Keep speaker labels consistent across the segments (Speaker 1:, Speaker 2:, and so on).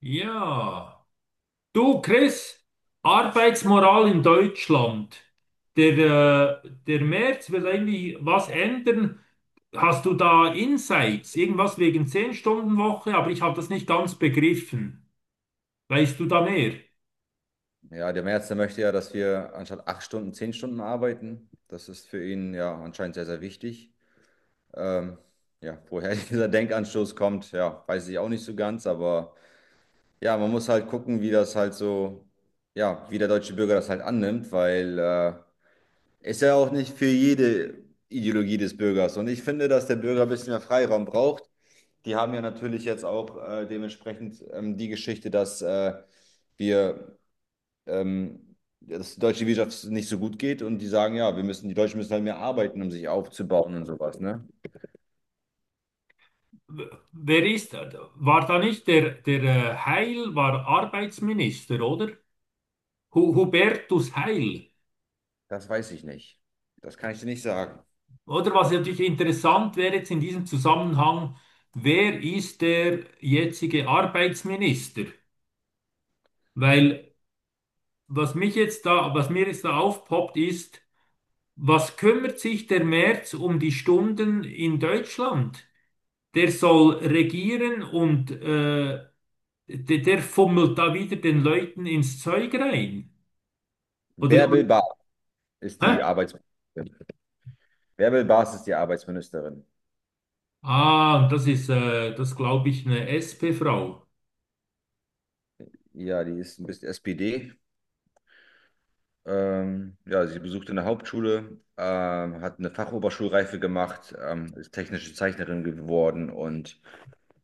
Speaker 1: Ja, du Chris, Arbeitsmoral in Deutschland. Der, der Merz will irgendwie was ändern. Hast du da Insights? Irgendwas wegen 10-Stunden-Woche, aber ich habe das nicht ganz begriffen. Weißt du da mehr?
Speaker 2: Ja, der Merz, der möchte ja, dass wir anstatt 8 Stunden, 10 Stunden arbeiten. Das ist für ihn ja anscheinend sehr, sehr wichtig. Ähm, ja, woher dieser Denkanstoß kommt, ja, weiß ich auch nicht so ganz, aber ja, man muss halt gucken, wie das halt so, ja, wie der deutsche Bürger das halt annimmt, weil ist ja auch nicht für jede Ideologie des Bürgers. Und ich finde, dass der Bürger ein bisschen mehr Freiraum braucht. Die haben ja natürlich jetzt auch dementsprechend die Geschichte, dass wir ähm, ja, dass die deutsche Wirtschaft nicht so gut geht und die sagen, ja, wir müssen, die Deutschen müssen halt mehr arbeiten, um sich aufzubauen und sowas, ne?
Speaker 1: Wer ist, war da nicht der Heil, war Arbeitsminister, oder? Hubertus Heil.
Speaker 2: Das weiß ich nicht. Das kann ich dir nicht sagen.
Speaker 1: Oder was natürlich interessant wäre jetzt in diesem Zusammenhang, wer ist der jetzige Arbeitsminister? Weil was mir jetzt da aufpoppt, ist, was kümmert sich der Merz um die Stunden in Deutschland? Der soll regieren und der fummelt da wieder den Leuten ins Zeug rein. Oder
Speaker 2: Bärbel Baas ist die
Speaker 1: hä?
Speaker 2: Arbeitsministerin. Bärbel Baas ist die Arbeitsministerin.
Speaker 1: Ah, das ist, das glaube ich, eine SP-Frau.
Speaker 2: Ja, die ist ein bisschen SPD. Ja, sie besuchte eine Hauptschule, hat eine Fachoberschulreife gemacht, ist technische Zeichnerin geworden und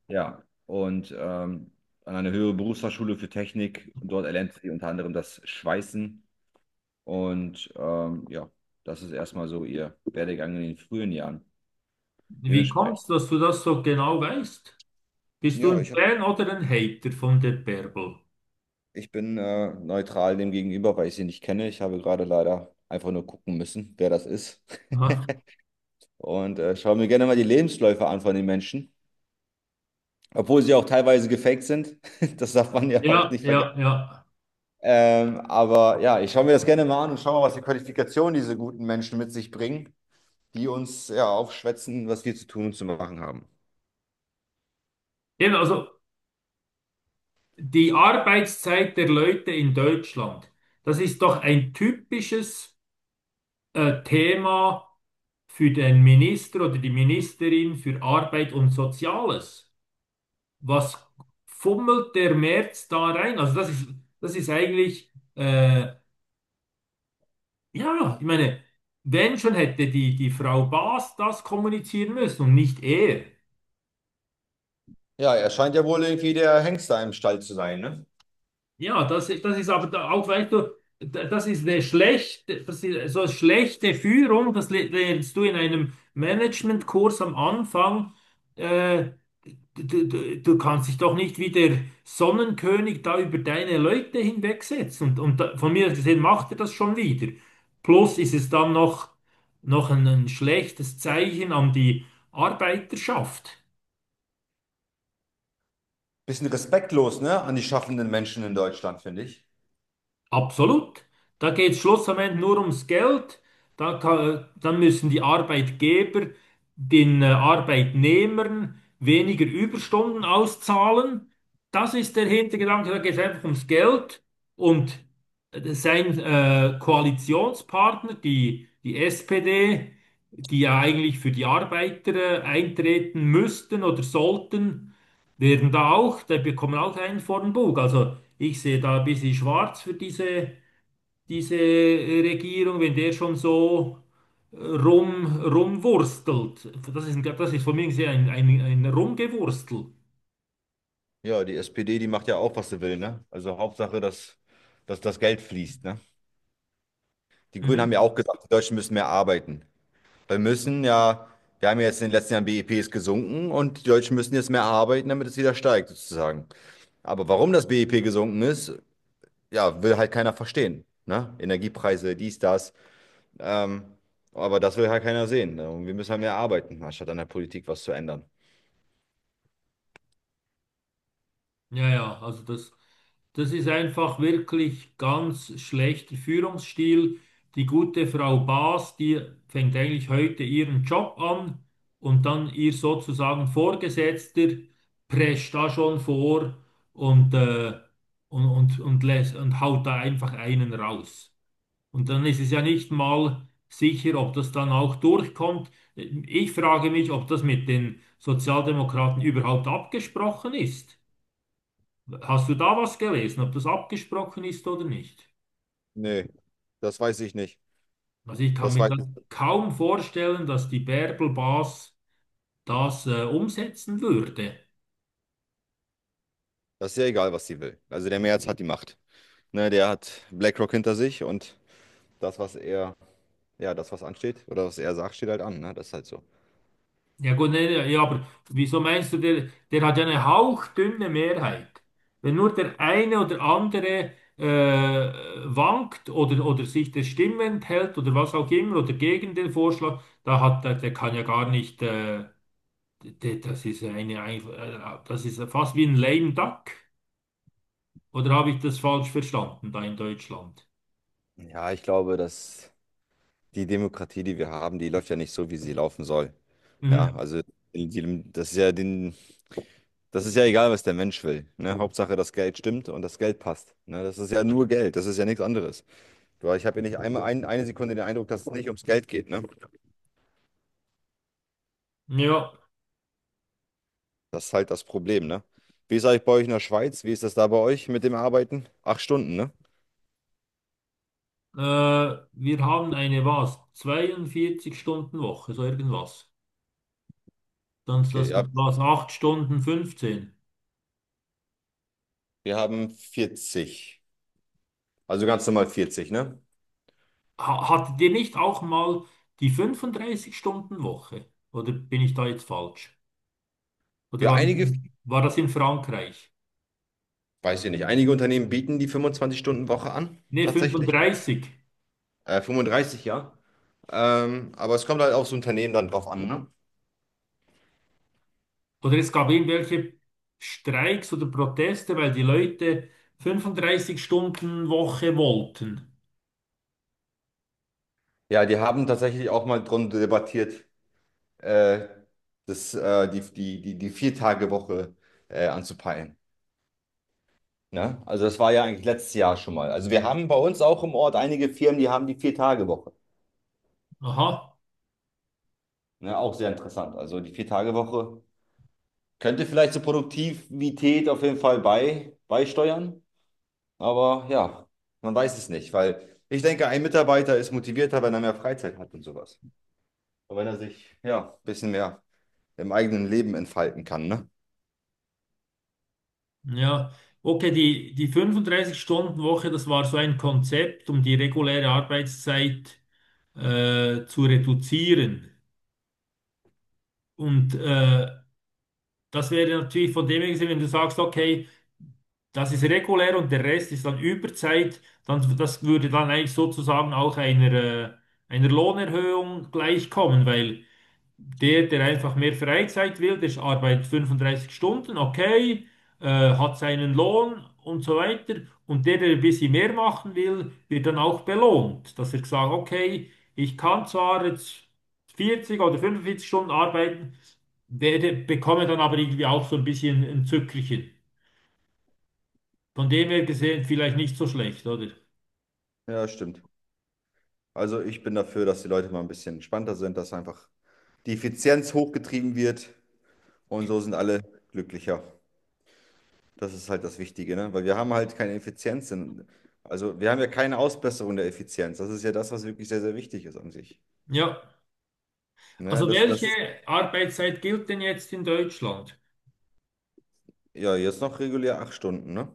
Speaker 2: ja, und an einer höheren Berufsfachschule für Technik. Dort erlernte sie unter anderem das Schweißen. Und ja, das ist erstmal so ihr Werdegang in den frühen Jahren.
Speaker 1: Wie
Speaker 2: Dementsprechend.
Speaker 1: kommt's, dass du das so genau weißt? Bist du
Speaker 2: Ja,
Speaker 1: ein Fan oder ein Hater von der Bärbel?
Speaker 2: ich bin neutral dem gegenüber, weil ich sie nicht kenne. Ich habe gerade leider einfach nur gucken müssen, wer das ist.
Speaker 1: Aha.
Speaker 2: Und schaue mir gerne mal die Lebensläufe an von den Menschen. Obwohl sie auch teilweise gefaked sind. Das darf man ja auch
Speaker 1: Ja,
Speaker 2: nicht vergessen.
Speaker 1: ja, ja.
Speaker 2: Aber ja, ich schaue mir das gerne mal an und schaue mal, was die Qualifikationen diese guten Menschen mit sich bringen, die uns ja aufschwätzen, was wir zu tun und zu machen haben.
Speaker 1: Eben, also die Arbeitszeit der Leute in Deutschland, das ist doch ein typisches Thema für den Minister oder die Ministerin für Arbeit und Soziales. Was fummelt der Merz da rein? Das ist eigentlich, ja, ich meine, wenn schon hätte die Frau Baas das kommunizieren müssen und nicht er.
Speaker 2: Ja, er scheint ja wohl irgendwie der Hengst da im Stall zu sein, ne?
Speaker 1: Das ist aber da auch, weißt du, das ist so schlechte Führung, das lernst du in einem Managementkurs am Anfang. Äh, du kannst dich doch nicht wie der Sonnenkönig da über deine Leute hinwegsetzen. Und da, von mir aus gesehen, macht er das schon wieder. Plus ist es dann noch, noch ein schlechtes Zeichen an die Arbeiterschaft.
Speaker 2: Bisschen respektlos, ne, an die schaffenden Menschen in Deutschland, finde ich.
Speaker 1: Absolut. Da geht es schlussendlich nur ums Geld. Dann müssen die Arbeitgeber den Arbeitnehmern weniger Überstunden auszahlen. Das ist der Hintergedanke. Da geht es einfach ums Geld. Und sein Koalitionspartner, die SPD, die ja eigentlich für die Arbeiter eintreten müssten oder sollten, da bekommen auch einen vor den Bug. Also ich sehe da ein bisschen schwarz für diese Regierung, wenn der schon so rumwurstelt. Das ist von mir gesehen ein Rumgewurstel.
Speaker 2: Ja, die SPD, die macht ja auch, was sie will, ne? Also Hauptsache, dass das Geld fließt, ne? Die Grünen haben
Speaker 1: Mhm.
Speaker 2: ja auch gesagt, die Deutschen müssen mehr arbeiten. Wir müssen ja, wir haben ja jetzt in den letzten Jahren, BIP ist gesunken und die Deutschen müssen jetzt mehr arbeiten, damit es wieder steigt, sozusagen. Aber warum das BIP gesunken ist, ja, will halt keiner verstehen, ne? Energiepreise, dies, das. Ähm, aber das will halt keiner sehen, ne? Und wir müssen halt mehr arbeiten, anstatt an der Politik was zu ändern.
Speaker 1: Ja, also das ist einfach wirklich ganz schlechter Führungsstil. Die gute Frau Baas, die fängt eigentlich heute ihren Job an und dann ihr sozusagen Vorgesetzter prescht da schon vor und, und haut da einfach einen raus. Und dann ist es ja nicht mal sicher, ob das dann auch durchkommt. Ich frage mich, ob das mit den Sozialdemokraten überhaupt abgesprochen ist. Hast du da was gelesen, ob das abgesprochen ist oder nicht?
Speaker 2: Nee, das weiß ich nicht.
Speaker 1: Also ich kann
Speaker 2: Das
Speaker 1: mir
Speaker 2: weiß
Speaker 1: das
Speaker 2: ich.
Speaker 1: kaum vorstellen, dass die Bärbel-Bas das umsetzen würde.
Speaker 2: Das ist ja egal, was sie will. Also der Merz hat die Macht. Ne, der hat BlackRock hinter sich und das, was er, ja, das, was ansteht oder was er sagt, steht halt an. Ne? Das ist halt so.
Speaker 1: Ja gut, nee, nee, ja, aber wieso meinst du, der hat ja eine hauchdünne Mehrheit. Wenn nur der eine oder andere äh, wankt oder sich der Stimme enthält oder was auch immer oder gegen den Vorschlag, der kann ja gar nicht, das ist das ist fast wie ein lame duck. Oder habe ich das falsch verstanden da in Deutschland?
Speaker 2: Ja, ich glaube, dass die Demokratie, die wir haben, die läuft ja nicht so, wie sie laufen soll. Ja,
Speaker 1: Mhm.
Speaker 2: also die, das ist ja den, das ist ja egal, was der Mensch will. Ne? Hauptsache, das Geld stimmt und das Geld passt. Ne? Das ist ja nur Geld, das ist ja nichts anderes. Du, ich habe ja nicht einmal eine Sekunde den Eindruck, dass es nicht ums Geld geht, ne?
Speaker 1: Ja,
Speaker 2: Das ist halt das Problem, ne? Wie ist eigentlich bei euch in der Schweiz? Wie ist das da bei euch mit dem Arbeiten? 8 Stunden, ne?
Speaker 1: wir haben eine was? 42-Stunden-Woche, so irgendwas. Dann ist
Speaker 2: Okay, ja.
Speaker 1: was? 8 Stunden 15.
Speaker 2: Wir haben 40. Also ganz normal 40, ne?
Speaker 1: Ha, hattet ihr nicht auch mal die 35-Stunden-Woche? Oder bin ich da jetzt falsch? Oder
Speaker 2: Ja,
Speaker 1: war,
Speaker 2: einige,
Speaker 1: war das in Frankreich?
Speaker 2: weiß ich nicht, einige Unternehmen bieten die 25-Stunden-Woche an,
Speaker 1: Ne,
Speaker 2: tatsächlich.
Speaker 1: 35.
Speaker 2: 35, ja. Aber es kommt halt aufs Unternehmen dann drauf an, ne?
Speaker 1: Oder es gab irgendwelche Streiks oder Proteste, weil die Leute 35-Stunden-Woche wollten.
Speaker 2: Ja, die haben tatsächlich auch mal drum debattiert, äh, die Vier-Tage-Woche anzupeilen. Ne? Also das war ja eigentlich letztes Jahr schon mal. Also wir haben bei uns auch im Ort einige Firmen, die haben die Vier-Tage-Woche.
Speaker 1: Aha.
Speaker 2: Ne? Auch sehr interessant. Also die Vier-Tage-Woche könnte vielleicht zur Produktivität auf jeden Fall beisteuern. Aber ja, man weiß es nicht, weil ich denke, ein Mitarbeiter ist motivierter, wenn er mehr Freizeit hat und sowas. Und wenn er sich, ja, ein bisschen mehr im eigenen Leben entfalten kann, ne?
Speaker 1: Ja, okay, die 35-Stunden-Woche, das war so ein Konzept, um die reguläre Arbeitszeit zu reduzieren. Und das wäre natürlich von dem her gesehen, wenn du sagst, okay, das ist regulär und der Rest ist dann Überzeit, dann das würde dann eigentlich sozusagen auch einer Lohnerhöhung gleichkommen, weil der, der einfach mehr Freizeit will, der arbeitet 35 Stunden, okay, äh, hat seinen Lohn und so weiter. Und der, der ein bisschen mehr machen will, wird dann auch belohnt, dass er sagt, okay, ich kann zwar jetzt 40 oder 45 Stunden arbeiten, bekomme dann aber irgendwie auch so ein bisschen ein Zückerchen. Von dem her gesehen vielleicht nicht so schlecht, oder?
Speaker 2: Ja, stimmt. Also ich bin dafür, dass die Leute mal ein bisschen entspannter sind, dass einfach die Effizienz hochgetrieben wird und so sind alle glücklicher. Das ist halt das Wichtige, ne? Weil wir haben halt keine Effizienz. Also wir haben ja keine Ausbesserung der Effizienz. Das ist ja das, was wirklich sehr, sehr wichtig ist an sich.
Speaker 1: Ja.
Speaker 2: Ne?
Speaker 1: Also
Speaker 2: Das
Speaker 1: welche
Speaker 2: ist
Speaker 1: Arbeitszeit gilt denn jetzt in Deutschland?
Speaker 2: ja jetzt noch regulär 8 Stunden, ne?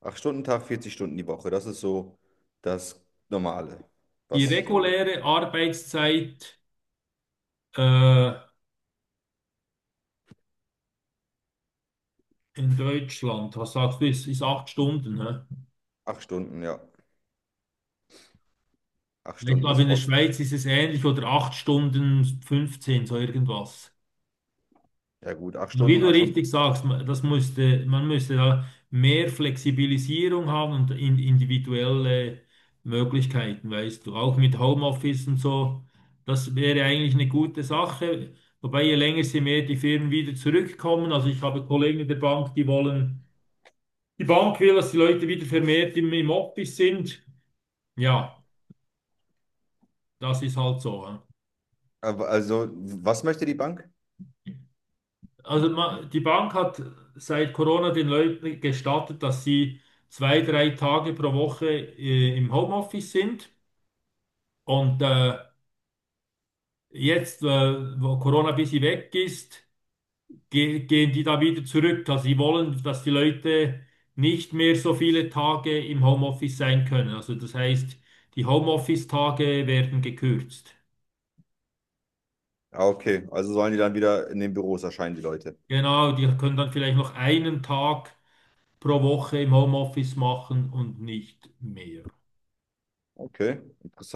Speaker 2: 8 Stunden Tag, 40 Stunden die Woche. Das ist so das Normale.
Speaker 1: Die
Speaker 2: Was so die
Speaker 1: reguläre Arbeitszeit, Äh, in Deutschland, was sagst du, ist 8 Stunden, ne?
Speaker 2: 8 Stunden, ja. Acht
Speaker 1: Ich
Speaker 2: Stunden
Speaker 1: glaube,
Speaker 2: ist
Speaker 1: in der
Speaker 2: voll.
Speaker 1: Schweiz ist es ähnlich, oder 8 Stunden 15, so irgendwas.
Speaker 2: Ja gut, acht
Speaker 1: Und wie
Speaker 2: Stunden,
Speaker 1: du
Speaker 2: acht Stunden.
Speaker 1: richtig sagst, man müsste da mehr Flexibilisierung haben und individuelle Möglichkeiten, weißt du, auch mit Homeoffice und so. Das wäre eigentlich eine gute Sache. Wobei, je länger, sie mehr die Firmen wieder zurückkommen. Also ich habe Kollegen in der Bank, die Bank will, dass die Leute wieder vermehrt im Office sind. Ja, das ist halt so, ja.
Speaker 2: Aber also, was möchte die Bank?
Speaker 1: Also die Bank hat seit Corona den Leuten gestattet, dass sie zwei, drei Tage pro Woche im Homeoffice sind. Und wo Corona ein bisschen weg ist, ge gehen die da wieder zurück. Also sie wollen, dass die Leute nicht mehr so viele Tage im Homeoffice sein können. Also das heißt, die Homeoffice-Tage werden gekürzt.
Speaker 2: Ah, okay. Also sollen die dann wieder in den Büros erscheinen, die Leute.
Speaker 1: Genau, die können dann vielleicht noch einen Tag pro Woche im Homeoffice machen und nicht mehr.
Speaker 2: Okay, interessant.